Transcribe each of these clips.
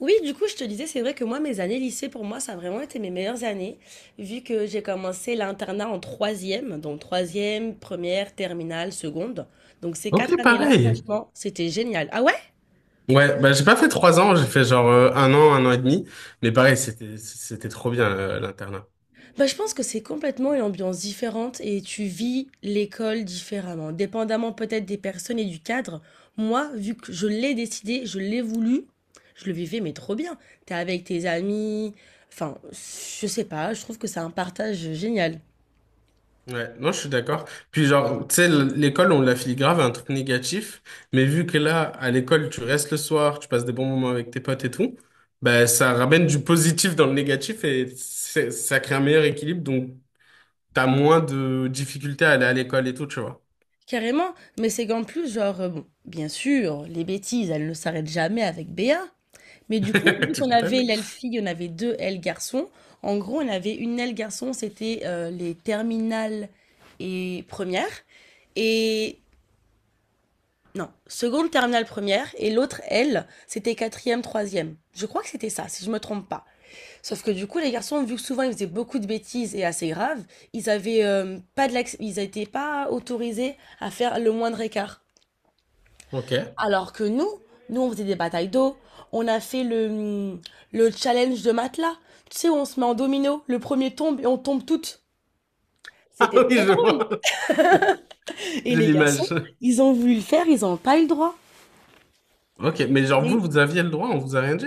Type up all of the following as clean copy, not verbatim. Oui, du coup, je te disais, c'est vrai que moi, mes années lycée, pour moi, ça a vraiment été mes meilleures années, vu que j'ai commencé l'internat en troisième, donc troisième, première, terminale, seconde. Donc ces quatre Ok, années-là, pareil. franchement, c'était génial. Ah ouais? Ouais, bah j'ai pas fait trois ans, j'ai fait genre un an et demi, mais pareil, c'était trop bien l'internat. Bah, je pense que c'est complètement une ambiance différente et tu vis l'école différemment, dépendamment peut-être des personnes et du cadre. Moi, vu que je l'ai décidé, je l'ai voulu, je le vivais, mais trop bien. T'es avec tes amis, enfin, je sais pas, je trouve que c'est un partage génial. Ouais, non, je suis d'accord. Puis genre, tu sais, l'école, on l'affile grave à un truc négatif, mais vu que là, à l'école, tu restes le soir, tu passes des bons moments avec tes potes et tout, bah ça ramène du positif dans le négatif et ça crée un meilleur équilibre, donc t'as moins de difficultés à aller à l'école et tout, tu vois. Carrément, mais c'est qu'en plus, genre, bon, bien sûr, les bêtises, elles ne s'arrêtent jamais avec Béa. Mais du coup, vu Tu qu'on avait m'étonnes. l'aile fille, on avait deux ailes garçons. En gros, on avait une aile garçon, c'était les terminales et première. Et non, seconde, terminale, première. Et l'autre aile, c'était quatrième, troisième. Je crois que c'était ça, si je me trompe pas. Sauf que du coup, les garçons, vu que souvent ils faisaient beaucoup de bêtises et assez graves, ils avaient pas de l'acc- ils n'étaient pas autorisés à faire le moindre écart. Ok. Alors que nous, nous on faisait des batailles d'eau, on a fait le challenge de matelas. Tu sais, on se met en domino, le premier tombe et on tombe toutes. Ah C'était oui, trop je drôle. vois. Et J'ai les garçons, l'image. ils ont voulu le faire, ils n'ont pas eu le droit. Ok, mais genre vous, Les- vous aviez le droit, on vous a rien dit?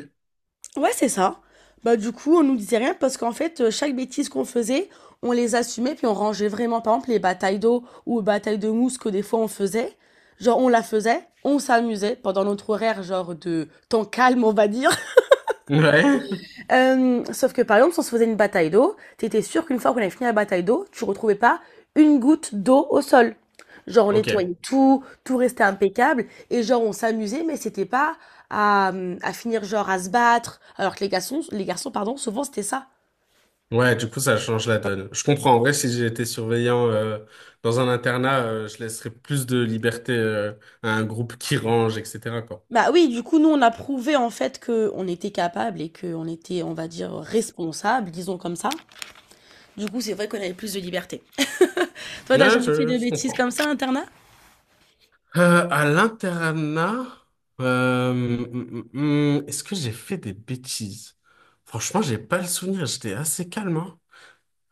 Ouais, c'est ça. Bah du coup, on nous disait rien parce qu'en fait, chaque bêtise qu'on faisait, on les assumait puis on rangeait vraiment. Par exemple, les batailles d'eau ou batailles de mousse que des fois on faisait, genre on la faisait, on s'amusait pendant notre horaire genre de temps calme, on va dire. Ouais. Sauf que par exemple, si on se faisait une bataille d'eau, t'étais sûr qu'une fois qu'on avait fini la bataille d'eau, tu retrouvais pas une goutte d'eau au sol. Genre on nettoyait Ok. tout, tout restait impeccable et genre on s'amusait, mais c'était pas à finir genre à se battre. Alors que les garçons pardon, souvent c'était ça. Ouais, du coup, ça change la donne. Je comprends. En vrai, si j'étais surveillant dans un internat, je laisserais plus de liberté à un groupe qui range, etc. quoi. Bah oui, du coup nous on a prouvé en fait que on était capable et que on était, on va dire, responsable, disons comme ça. Du coup c'est vrai qu'on avait plus de liberté. Toi t'as Ouais, jamais fait de je bêtises comprends. comme ça, internat? À l'internat, est-ce que j'ai fait des bêtises? Franchement, j'ai pas le souvenir. J'étais assez calme, hein.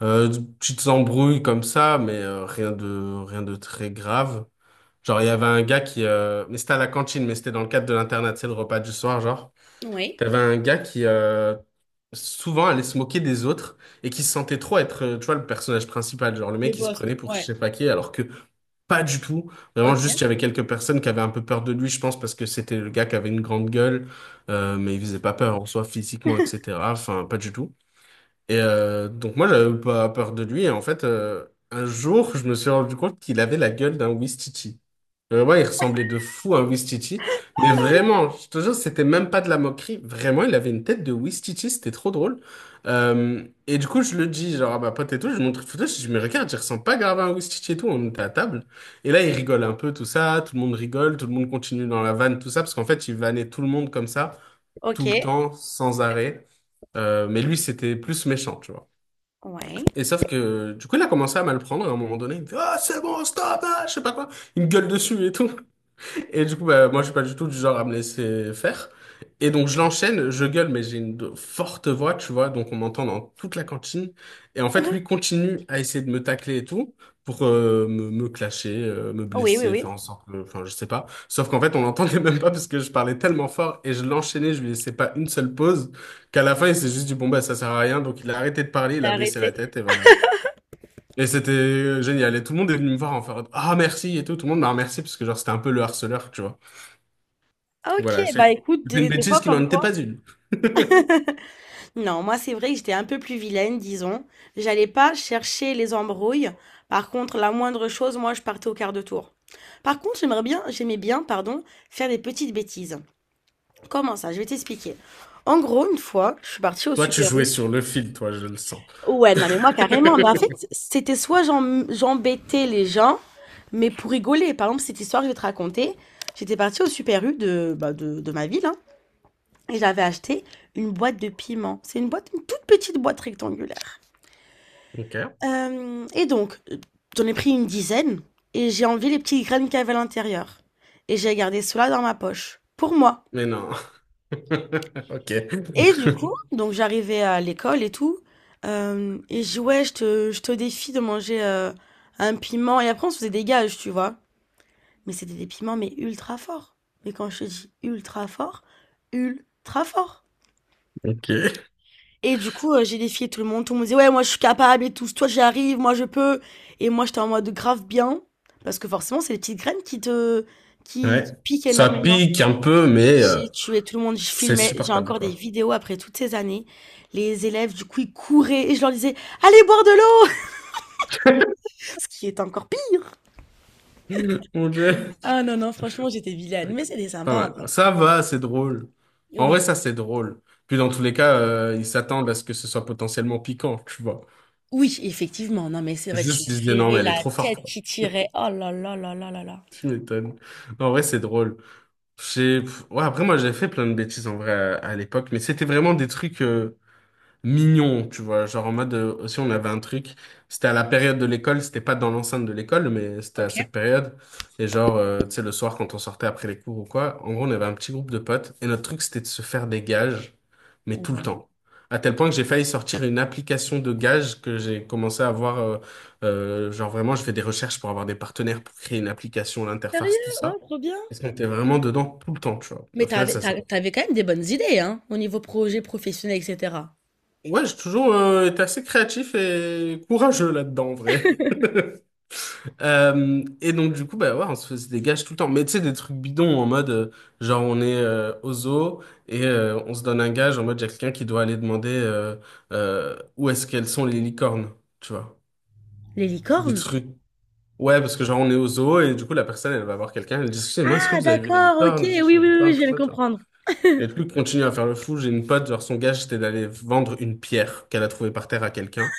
De petites embrouilles comme ça, mais rien de rien de très grave. Genre, il y avait un gars qui... Mais c'était à la cantine, mais c'était dans le cadre de l'internat, c'est le repas du soir, genre. Oui. T'avais un gars qui souvent allait se moquer des autres et qui se sentait trop être, tu vois, le personnage principal. Genre, le Le mec, il se prenait poste, pour je ouais. sais pas qui, alors que pas du tout. Vraiment, Ok. juste, il y avait quelques personnes qui avaient un peu peur de lui, je pense, parce que c'était le gars qui avait une grande gueule, mais il faisait pas peur en soi, physiquement, etc. Enfin, pas du tout. Et donc moi, j'avais pas peur de lui. Et en fait, un jour, je me suis rendu compte qu'il avait la gueule d'un Ouistiti. Vraiment, il ressemblait de fou à un Ouistiti. Mais vraiment, je te jure, c'était même pas de la moquerie. Vraiment, il avait une tête de Ouistiti. C'était trop drôle. Et du coup, je le dis, genre, à ma pote et tout, je lui montre une photo. Je dis, mais regarde, il ressemble pas grave à un Ouistiti et tout. On était à table. Et là, il rigole un peu, tout ça. Tout le monde rigole. Tout le monde continue dans la vanne, tout ça. Parce qu'en fait, il vannait tout le monde comme ça, tout le OK, temps, sans arrêt. Mais lui, c'était plus méchant, tu vois. ouais. Et sauf que, du coup, il a commencé à mal prendre, et à un moment donné, il me fait, ah, c'est bon, stop, ah, je sais pas quoi. Il me gueule dessus et tout. Et du coup, bah, moi, je suis pas du tout du genre à me laisser faire. Et donc, je l'enchaîne, je gueule, mais j'ai une forte voix, tu vois, donc on m'entend dans toute la cantine. Et en fait, lui Mhm. continue à essayer de me tacler et tout, pour me clasher, me Oui, oui, blesser, oui. faire en sorte que, enfin, je sais pas. Sauf qu'en fait, on l'entendait même pas parce que je parlais tellement fort et je l'enchaînais, je lui laissais pas une seule pause, qu'à la fin, il s'est juste dit, bon, bah, ça sert à rien. Donc, il a arrêté de parler, il J'ai a baissé la arrêté. tête et voilà. Et c'était génial. Et tout le monde est venu me voir en faire ah, merci et tout. Tout le monde m'a remercié parce que genre c'était un peu le harceleur, tu vois. Donc OK, voilà, j'ai bah fait écoute, une des fois bêtise qui n'en comme était quoi. pas une. Non, moi c'est vrai que j'étais un peu plus vilaine, disons. J'allais pas chercher les embrouilles. Par contre, la moindre chose, moi je partais au quart de tour. Par contre, j'aimais bien, pardon, faire des petites bêtises. Comment ça? Je vais t'expliquer. En gros, une fois, je suis partie au Toi, tu Super jouais U. sur le fil, toi, je le sens. Ouais, non, mais moi, carrément. Mais en fait, c'était soit j'embêtais les gens, mais pour rigoler. Par exemple, cette histoire que je vais te raconter, j'étais partie au Super U de, bah, de ma ville, hein, et j'avais acheté une boîte de piment. C'est une boîte, une toute petite boîte rectangulaire. Ok. Euh, et donc, euh, J'en ai pris une dizaine, et j'ai enlevé les petites graines qu'il y avait à l'intérieur. Et j'ai gardé cela dans ma poche. Pour moi. Mais non. Ok. Et du coup, donc j'arrivais à l'école et tout, et je jouais, je te défie de manger un piment, et après on se faisait des gages, tu vois. Mais c'était des piments, mais ultra forts. Mais quand je te dis ultra fort, ultra fort. Ok. Et du coup, j'ai défié tout le monde disait, ouais, moi je suis capable et tout, toi j'y arrive, moi je peux. Et moi j'étais en mode grave bien, parce que forcément c'est les petites graines qui te, qui Ouais. piquent Ça énormément. pique un peu, mais J'ai tué tout le monde, je c'est filmais, j'ai supportable, encore des quoi. vidéos après toutes ces années. Les élèves, du coup, ils couraient et je leur disais, allez boire de l'eau! Ce qui est encore pire. Mon Dieu. Ah non, non, franchement, j'étais vilaine, Ok. mais c'était Pas sympa en mal. vrai. Ça va, c'est drôle. En vrai, Oui. ça, c'est drôle. Puis dans tous les cas, ils s'attendent à ce que ce soit potentiellement piquant, tu vois. Oui, effectivement. Non, mais c'est vrai, tu Juste, ils se non, verrais mais elle est la trop forte, tête quoi. qui tirait. Oh là là là là là là. Tu m'étonnes. En vrai, c'est drôle. J'ai... pff, ouais, après, moi, j'ai fait plein de bêtises, en vrai, à l'époque, mais c'était vraiment des trucs... mignon, tu vois. Genre en mode, aussi on avait un truc, c'était à la période de l'école, c'était pas dans l'enceinte de l'école, mais c'était à Ok. cette période. Et genre, tu sais, le soir quand on sortait après les cours ou quoi, en gros on avait un petit groupe de potes et notre truc c'était de se faire des gages, mais tout le Ouais. temps. À tel Ok. point que j'ai failli sortir une application de gages que j'ai commencé à avoir, genre vraiment je fais des recherches pour avoir des partenaires pour créer une application, l'interface, Sérieux? tout Hein, ça. trop bien. Parce qu'on était vraiment dedans tout le temps, tu vois. Mais Au final, t'avais, ça s'est t'avais quand même des bonnes idées, hein, au niveau projet professionnel, etc. ouais, j'ai toujours été assez créatif et courageux là-dedans, en vrai. Et donc, du coup, bah ouais, on se faisait des gages tout le temps. Mais tu sais, des trucs bidons en mode, genre, on est au zoo et on se donne un gage en mode, il y a quelqu'un qui doit aller demander où est-ce qu'elles sont les licornes, tu vois. Les Des licornes? trucs. Ouais, parce que genre, on est au zoo et du coup, la personne, elle va voir quelqu'un, elle dit, excusez-moi, est-ce que Ah, vous avez vu les d'accord, ok, licornes? Je oui, cherche oui, les oui, oui, licornes, je tout viens de ça, tu vois. comprendre. Et du coup, il continue à faire le fou. J'ai une pote, genre, son gage, c'était d'aller vendre une pierre qu'elle a trouvée par terre à quelqu'un.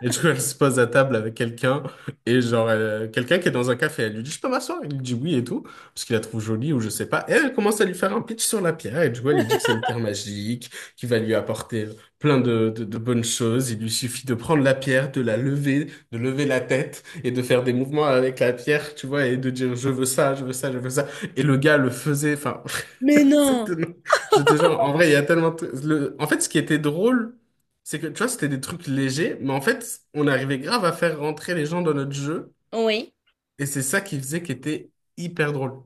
Et du coup, elle se pose à table avec quelqu'un, et genre, quelqu'un qui est dans un café, elle lui dit, je peux m'asseoir? Il lui dit oui et tout, parce qu'il la trouve jolie ou je sais pas. Et elle commence à lui faire un pitch sur la pierre, et du coup, elle lui dit que c'est une pierre magique, qui va lui apporter plein de, de bonnes choses. Il lui suffit de prendre la pierre, de la lever, de lever la tête, et de faire des mouvements avec la pierre, tu vois, et de dire, je veux ça, je veux ça, je veux ça. Et le gars le faisait, enfin, Mais c'est non! tout- Je te jure, en vrai, il y a tellement de trucs. Le- En fait, ce qui était drôle, c'est que, tu vois, c'était des trucs légers, mais en fait, on arrivait grave à faire rentrer les gens dans notre jeu, Oui. et c'est ça qui faisait qu'il était hyper drôle.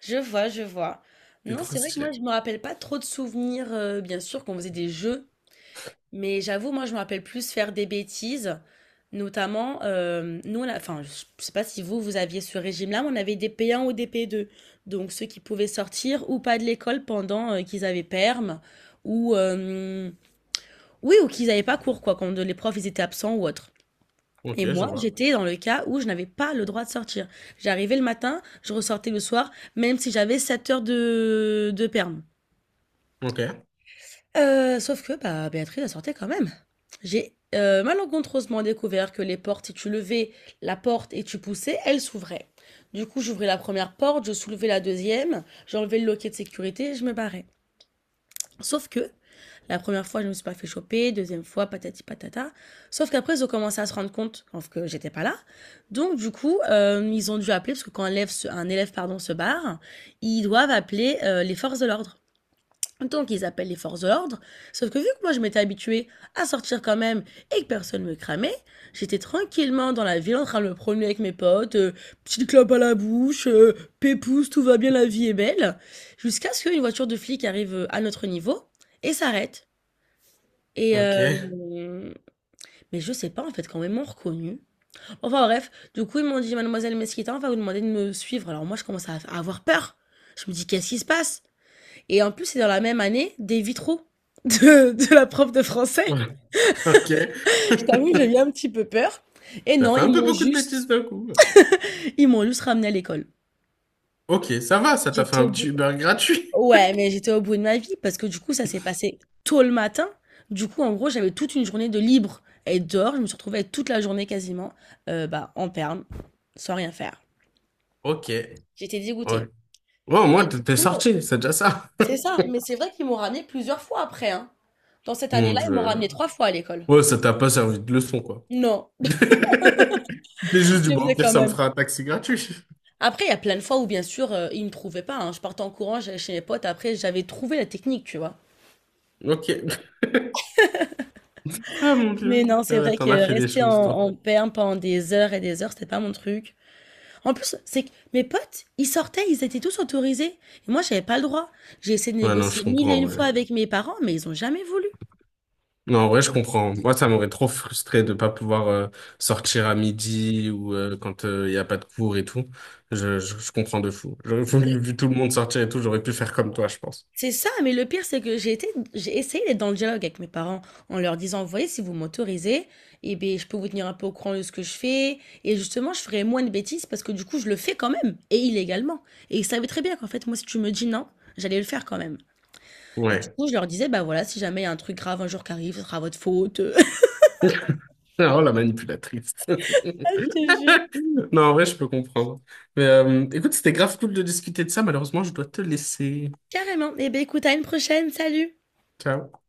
Je vois, je vois. C'était Non, trop c'est vrai que moi, stylé. je me rappelle pas trop de souvenirs, bien sûr, qu'on faisait des jeux, mais j'avoue, moi, je me rappelle plus faire des bêtises. Notamment, nous, enfin, je sais pas si vous, vous aviez ce régime-là, mais on avait des P1 ou des P2. Donc, ceux qui pouvaient sortir ou pas de l'école pendant qu'ils avaient perm, ou, euh, oui, ou qu'ils n'avaient pas cours, quoi, quand les profs, ils étaient absents ou autre. Ok, Et je moi, vois. j'étais dans le cas où je n'avais pas le droit de sortir. J'arrivais le matin, je ressortais le soir, même si j'avais 7 heures de perm. Ok, Sauf que bah, Béatrice, elle sortait quand même. J'ai malencontreusement découvert que les portes, si tu levais la porte et tu poussais, elles s'ouvraient. Du coup, j'ouvrais la première porte, je soulevais la deuxième, j'enlevais le loquet de sécurité et je me barrais. Sauf que la première fois, je ne me suis pas fait choper, deuxième fois, patati patata. Sauf qu'après, ils ont commencé à se rendre compte sauf que j'étais pas là. Donc, du coup, ils ont dû appeler, parce que quand un élève pardon, se barre, ils doivent appeler les forces de l'ordre. Donc, ils appellent les forces de l'ordre. Sauf que vu que moi, je m'étais habituée à sortir quand même et que personne me cramait, j'étais tranquillement dans la ville en train de me promener avec mes potes, petite clope à la bouche, pépouze, tout va bien, la vie est belle. Jusqu'à ce qu'une voiture de flic arrive à notre niveau et s'arrête. Et ok, mais je sais pas en fait, quand même m'ont reconnue, enfin bref, du coup ils m'ont dit: «Mademoiselle Mesquita, on va vous demander de me suivre». Alors moi je commence à avoir peur. Je me dis: «Qu'est-ce qui se passe?» Et en plus c'est dans la même année des vitraux de la prof de français. ok. Je t'avoue que j'ai eu un petit peu peur et T'as non, fait un peu beaucoup de bêtises d'un coup. ils m'ont juste ramené à l'école. Ok, ça va, ça t'a fait J'étais un au bout. petit Uber gratuit. Ouais, mais j'étais au bout de ma vie parce que du coup, ça s'est passé tôt le matin. Du coup, en gros, j'avais toute une journée de libre à être dehors. Je me suis retrouvée toute la journée quasiment bah, en perme, sans rien faire. Ok. Ouais, J'étais dégoûtée. ouais au moins, Et du t'es coup, sorti, c'est déjà ça. c'est ça. Mais c'est vrai qu'ils m'ont ramené plusieurs fois après, hein. Dans cette Mon année-là, ils m'ont Dieu. ramené 3 fois à l'école. Ouais, ça t'a pas servi de leçon, quoi. Non, J'ai juste du je le bon, au faisais pire, quand ça me même. fera un taxi gratuit. Après, il y a plein de fois où, bien sûr, ils me trouvaient pas, hein. Je partais en courant, j'allais chez mes potes. Après, j'avais trouvé la technique, tu vois. Ok. Ah mon Dieu. Mais non, c'est Ah ouais, vrai t'en as que fait des rester choses, toi. en perme pendant des heures et des heures, c'était pas mon truc. En plus, c'est que mes potes, ils sortaient, ils étaient tous autorisés. Et moi, j'avais pas le droit. J'ai essayé de Ouais, non, je négocier mille et comprends, une ouais. fois avec mes parents, mais ils ont jamais voulu. Non, en vrai, je comprends. Moi, ça m'aurait trop frustré de pas pouvoir sortir à midi ou quand il n'y a pas de cours et tout. Je comprends de fou. J'aurais voulu, vu tout le monde sortir et tout, j'aurais pu faire comme toi, je pense. C'est ça, mais le pire, c'est que j'ai essayé d'être dans le dialogue avec mes parents en leur disant, vous voyez, si vous m'autorisez, eh bien, je peux vous tenir un peu au courant de ce que je fais. Et justement, je ferai moins de bêtises parce que du coup, je le fais quand même, et illégalement. Et ils savaient très bien qu'en fait, moi, si tu me dis non, j'allais le faire quand même. Du Ouais. coup, je leur disais, bah voilà, si jamais il y a un truc grave un jour qui arrive, ce sera votre faute. Oh, la manipulatrice. Ah, je te jure. Non, en vrai, je peux comprendre. Mais écoute, c'était grave cool de discuter de ça. Malheureusement, je dois te laisser. Carrément. Eh bien, écoute, à une prochaine. Salut. Ciao.